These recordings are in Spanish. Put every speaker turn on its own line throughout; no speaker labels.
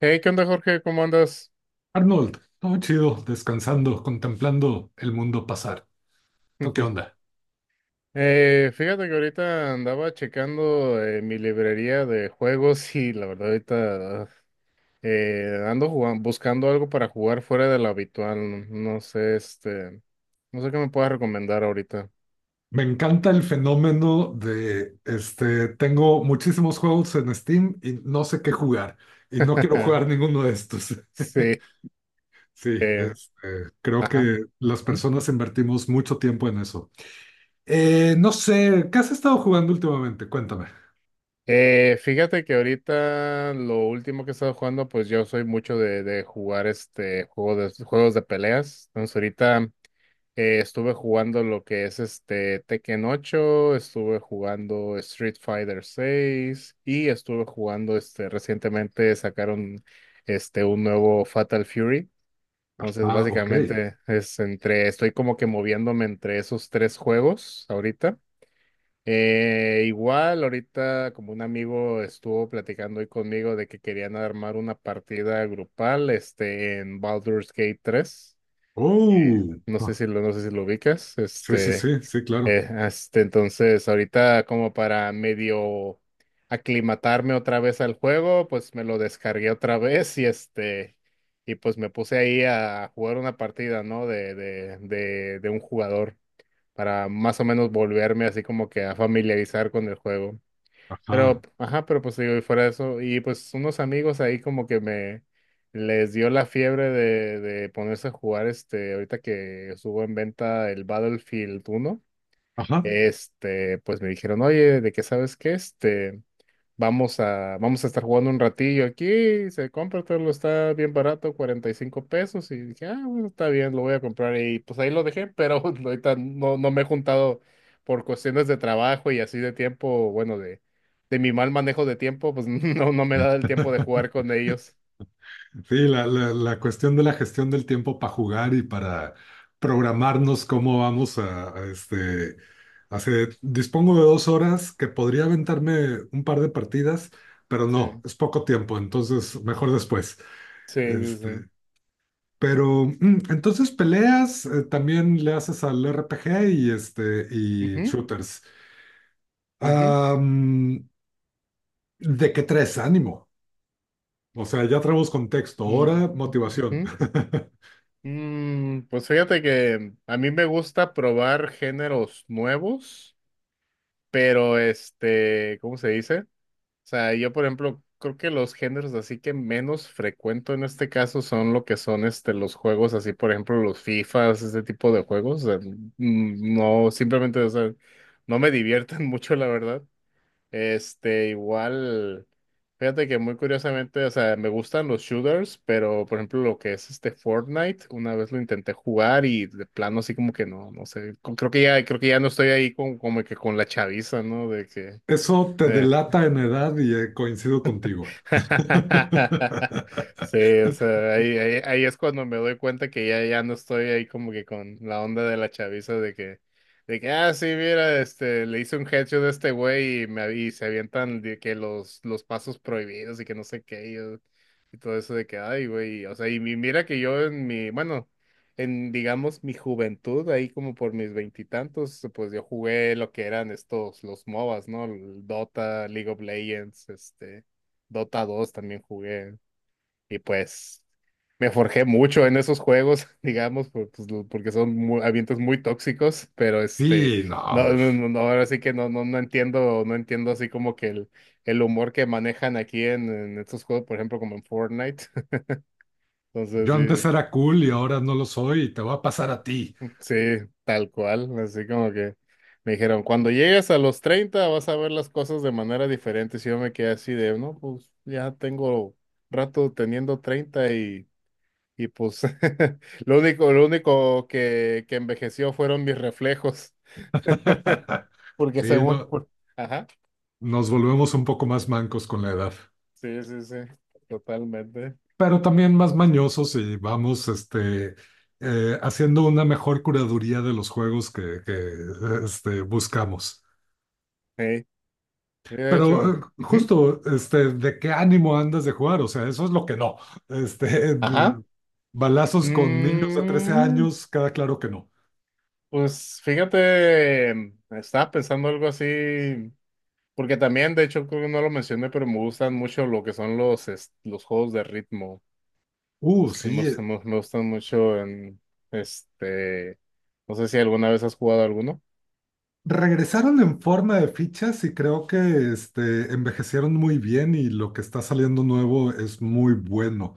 Hey, ¿qué onda, Jorge? ¿Cómo andas?
Arnold, todo chido, descansando, contemplando el mundo pasar. ¿Tú qué onda?
Fíjate que ahorita andaba checando mi librería de juegos, y la verdad ahorita buscando algo para jugar fuera de lo habitual. No sé, no sé qué me puedas recomendar ahorita.
Me encanta el fenómeno de, este, tengo muchísimos juegos en Steam y no sé qué jugar y no quiero jugar ninguno de estos.
Sí,
Sí,
eh,
este, creo
ajá.
que las
Ujú.
personas invertimos mucho tiempo en eso. No sé, ¿qué has estado jugando últimamente? Cuéntame.
Fíjate que ahorita lo último que he estado jugando, pues yo soy mucho de jugar juegos de peleas. Entonces, ahorita estuve jugando lo que es Tekken 8, estuve jugando Street Fighter 6, y estuve jugando, recientemente sacaron, un nuevo Fatal Fury. Entonces,
Ah, ok.
básicamente es entre, estoy como que moviéndome entre esos tres juegos ahorita. Igual ahorita, como un amigo estuvo platicando hoy conmigo de que querían armar una partida grupal, en Baldur's Gate 3.
Oh, ah,
No sé si lo ubicas.
sí, sí, sí, sí, claro.
Entonces, ahorita, como para medio aclimatarme otra vez al juego, pues me lo descargué otra vez, y y pues me puse ahí a jugar una partida, ¿no? De un jugador, para más o menos volverme así como que a familiarizar con el juego. Pero,
Ajá,
ajá, pues digo, y fuera de eso, y pues unos amigos ahí como que me les dio la fiebre de ponerse a jugar, ahorita que estuvo en venta el Battlefield 1,
ajá.
pues me dijeron, oye, ¿de qué sabes qué? Vamos a estar jugando un ratillo aquí, se compra, todo lo está bien barato, 45 pesos. Y dije, ah, bueno, está bien, lo voy a comprar, y pues ahí lo dejé. Pero ahorita no me he juntado, por cuestiones de trabajo y así de tiempo, bueno, de mi mal manejo de tiempo. Pues no me da el tiempo de jugar con ellos.
Sí,
Mm.
la cuestión de la gestión del tiempo para jugar y para programarnos cómo vamos a, este, hace, dispongo de 2 horas que podría aventarme un par de partidas, pero no,
Sí,
es poco tiempo, entonces mejor después.
sí, sí, sí.
Este, pero mm, entonces peleas, también le haces al RPG y este y
Ujú,
shooters.
ujú,
Am, ¿de qué tres? Ánimo. O sea, ya traemos contexto, hora,
ujú, ujú.
motivación.
Pues fíjate que a mí me gusta probar géneros nuevos, pero ¿cómo se dice? O sea, yo por ejemplo, creo que los géneros así que menos frecuento en este caso son lo que son, los juegos así, por ejemplo, los FIFAs, ese tipo de juegos. O sea, no, simplemente, o sea, no me divierten mucho, la verdad. Igual, fíjate que muy curiosamente, o sea, me gustan los shooters, pero por ejemplo lo que es, Fortnite, una vez lo intenté jugar, y de plano así como que no, no sé, creo que ya no estoy ahí con, como que con la chaviza, ¿no? De que,
Eso te
eh,
delata en edad y coincido contigo.
sí, o sea, ahí es cuando me doy cuenta que ya, no estoy ahí, como que con la onda de la chaviza, de que, ah, sí, mira, le hice un headshot a este güey, y se avientan de que los pasos prohibidos, y que no sé qué, y todo eso de que, ay, güey. O sea, y mira que yo bueno, en, digamos, mi juventud, ahí como por mis veintitantos, pues yo jugué lo que eran estos, los MOBAs, ¿no? El Dota, League of Legends, Dota 2 también jugué. Y pues me forjé mucho en esos juegos, digamos, pues, porque son ambientes muy tóxicos. Pero
Sí, no,
no,
pues,
no, no, no, ahora sí que no, no, no entiendo así como que el humor que manejan aquí, en estos juegos, por ejemplo, como en Fortnite.
yo antes
Entonces,
era cool y ahora no lo soy y te va a pasar a ti.
sí, sí, tal cual, así como que me dijeron, cuando llegues a los 30 vas a ver las cosas de manera diferente. Si yo me quedé así de, no, pues ya tengo rato teniendo 30. Y pues lo único que envejeció fueron mis reflejos. Porque
Sí,
según...
no,
por- Ajá.
nos volvemos un poco más mancos con la edad,
Sí, sí, sí. Totalmente.
pero también más mañosos y vamos haciendo una mejor curaduría de los juegos este, buscamos.
Hey, de
Pero
hecho. Ujú.
justo, este, ¿de qué ánimo andas de jugar? O sea, eso es lo que no. Este,
Ajá.
de- balazos con niños de 13
Mm,
años, cada claro que no.
pues fíjate, estaba pensando algo así. Porque también, de hecho, creo que no lo mencioné, pero me gustan mucho lo que son los juegos de ritmo. Me gustan, me
Sí,
gustan me gustan mucho en este. No sé si alguna vez has jugado alguno.
regresaron en forma de fichas y creo que este, envejecieron muy bien y lo que está saliendo nuevo es muy bueno.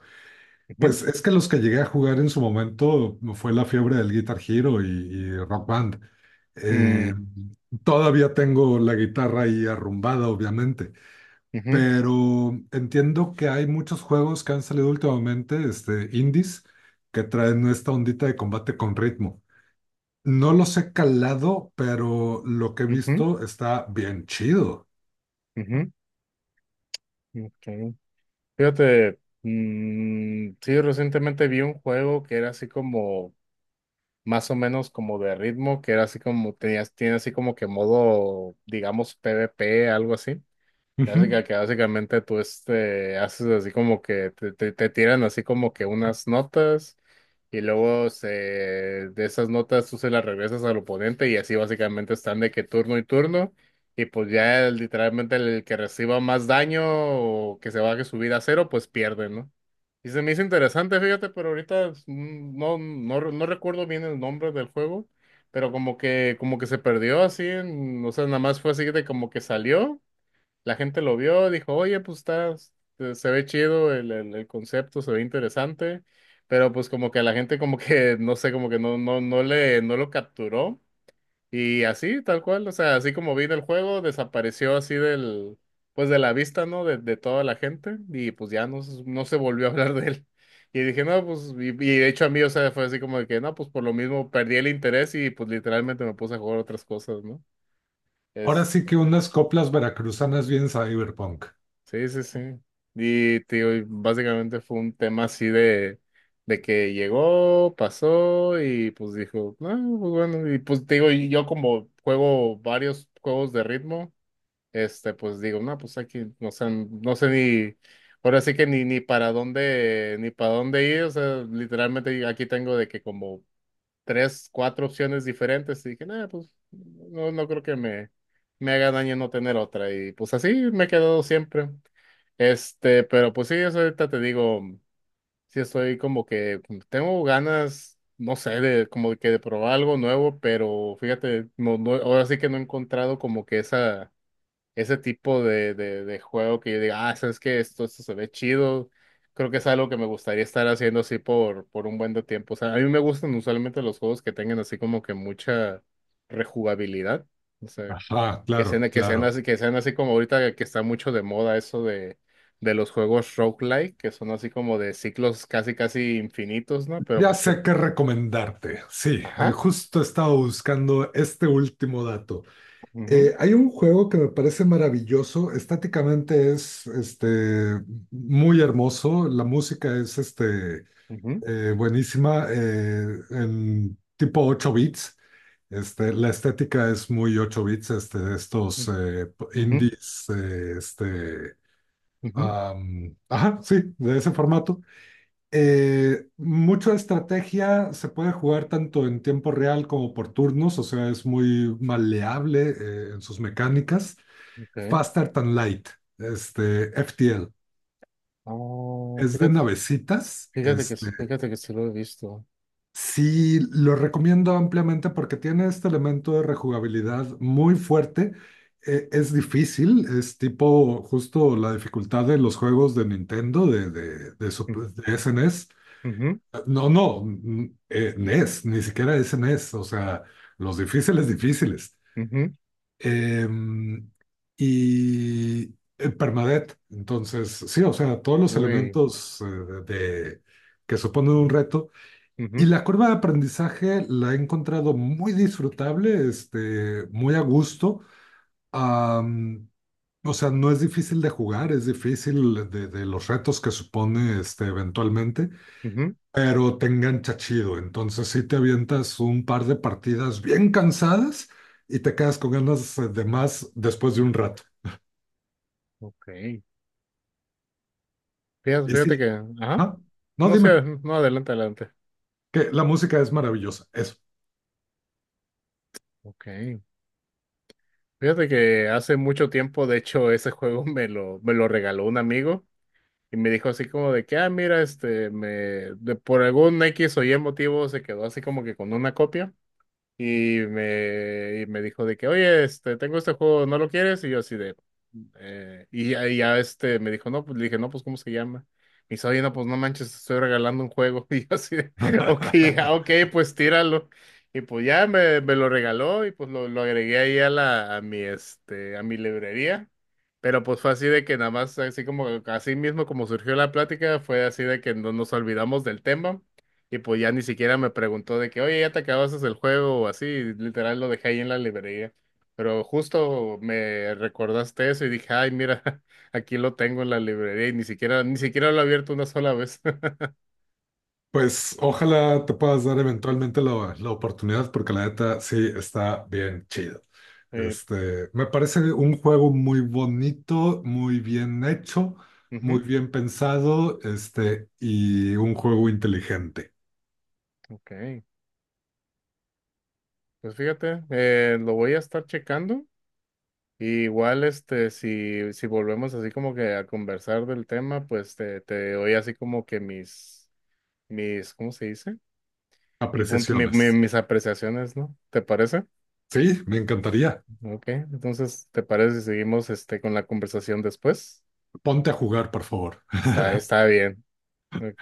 Ujú,
Pues es que los que llegué a jugar en su momento fue la fiebre del Guitar Hero y Rock Band. Eh,
mm,
todavía tengo la guitarra ahí arrumbada, obviamente.
ujú,
Pero entiendo que hay muchos juegos que han salido últimamente, este, indies, que traen esta ondita de combate con ritmo. No los he calado, pero lo que he
ujú,
visto está bien chido.
ujú, ok. Fíjate, sí, recientemente vi un juego que era así como, más o menos como de ritmo, que era así como, tiene así como que modo, digamos, PvP, algo así. Que
Ujú.
básica- que básicamente tú, haces así como que te tiran así como que unas notas, y luego de esas notas tú se las regresas al oponente, y así básicamente están de que turno y turno, y pues ya literalmente el que reciba más daño, o que se baje su vida a cero, pues pierde, ¿no? Y se me hizo interesante, fíjate, pero ahorita, no, no recuerdo bien el nombre del juego. Pero como que, se perdió así, o sea, nada más fue así de como que salió, la gente lo vio, dijo, oye, pues está, se ve chido el, concepto, se ve interesante, pero pues como que la gente como que, no sé, como que no lo capturó. Y así, tal cual, o sea, así como vino el juego, desapareció así del, pues de la vista, ¿no? De toda la gente, y pues ya no, no se volvió a hablar de él. Y dije, no, pues, y de hecho a mí, o sea, fue así como de que, no, pues por lo mismo perdí el interés, y pues literalmente me puse a jugar otras cosas, ¿no?
Ahora sí que unas coplas veracruzanas bien cyberpunk.
Sí, sí, sí. Y tío, y básicamente fue un tema así de que llegó, pasó, y pues dijo, ah, pues bueno, y pues te digo, y yo como juego varios juegos de ritmo, pues digo, no, pues aquí, no sé ni, ahora sí que ni para dónde ir. O sea, literalmente aquí tengo de que como tres, cuatro opciones diferentes, y dije, nada, pues no creo que me haga daño no tener otra. Y pues así me he quedado siempre. Pero pues sí, eso ahorita te digo, sí estoy como que tengo ganas, no sé, de como que de probar algo nuevo, pero fíjate, no, no, ahora sí que no he encontrado como que esa ese tipo de juego que yo diga, ah, sabes que esto se ve chido. Creo que es algo que me gustaría estar haciendo así por un buen de tiempo. O sea, a mí me gustan usualmente los juegos que tengan así como que mucha rejugabilidad. O sea,
Ah,
que
claro,
sean, que sean
claro.
así, que sean así como ahorita que está mucho de moda eso de los juegos roguelike, que son así como de ciclos casi casi infinitos, ¿no? Pero
Ya
pues sí.
sé qué recomendarte. Sí,
Ajá.
justo estaba buscando este último dato.
Ujú,
Hay un juego que me parece maravilloso, estáticamente es este, muy hermoso, la música es este,
ujú,
buenísima, en tipo 8 bits, este, la estética es muy 8 bits, este, de estos p-
ujú, ujú,
indies, este,
ujú.
am, ajá, sí, de ese formato. Mucho de estrategia se puede jugar tanto en tiempo real como por turnos, o sea, es muy maleable en sus mecánicas.
Ok.
Faster Than Light, este, FTL.
Oh,
Es de
fíjate.
navecitas.
Fíjate que, s-
Este,
fíjate que se lo he visto.
sí, lo recomiendo ampliamente porque tiene este elemento de rejugabilidad muy fuerte. Es difícil, es tipo justo la dificultad de los juegos de Nintendo, su-
Mm,
de SNES.
ujú,
No, no, mm, NES, ni siquiera SNES, o sea, los difíciles, difíciles.
ujú.
Em, y Permadeath. Entonces, sí, o sea, todos los
Uy,
elementos de, que suponen un reto. Y
ujú,
la curva de aprendizaje la he encontrado muy disfrutable, este, muy a gusto. Am, o sea, no es difícil de jugar, es difícil de los retos que supone este, eventualmente
ujú.
pero te engancha chido. Entonces sí te avientas un par de partidas bien cansadas y te quedas con ganas de más después de un rato.
Ok.
Y
Fíjate
sí,
que, ajá,
ajá. No,
no sé,
dime,
no, adelante, adelante.
que la música es maravillosa, eso.
Ok. Fíjate que hace mucho tiempo, de hecho, ese juego me lo regaló un amigo, y me dijo así como de que, ah, mira, por algún X o Y motivo se quedó así como que con una copia. Y me dijo de que, oye, tengo este juego, ¿no lo quieres? Y yo así de, y ya, me dijo, no, pues, le dije, no, pues, ¿cómo se llama? Me dice, oye, no, pues, no manches, te estoy regalando un juego. Y yo así de, ok, ah, ok, pues, tíralo. Y pues ya me lo regaló, y pues lo agregué ahí a la, a mi, este, a mi librería. Pero pues fue así de que nada más, así mismo como surgió la plática, fue así de que no nos olvidamos del tema. Y pues ya ni siquiera me preguntó de que, oye, ya te acabaste el juego, o así, literal lo dejé ahí en la librería. Pero justo me recordaste eso, y dije, ay, mira, aquí lo tengo en la librería, y ni siquiera lo he abierto una sola vez.
Pues ojalá te puedas dar eventualmente la oportunidad porque la neta sí está bien chido.
Eh,
Este, me parece un juego muy bonito, muy bien hecho, muy
Ujú,
bien pensado, este, y un juego inteligente.
ok. Pues fíjate, lo voy a estar checando. Y igual, si volvemos así como que a conversar del tema, pues te doy así como que mis, mis, ¿cómo se dice? Mi punto, mi- mi-
Apreciaciones.
mis apreciaciones, ¿no? ¿Te parece?
Sí, me encantaría.
Ok, entonces, ¿te parece si seguimos, con la conversación después?
Ponte a jugar, por favor.
Está bien. Ok.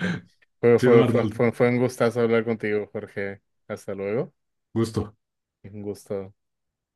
Chido, Arnold.
Fue un gustazo hablar contigo, Jorge. Hasta luego.
Gusto.
Un gusto.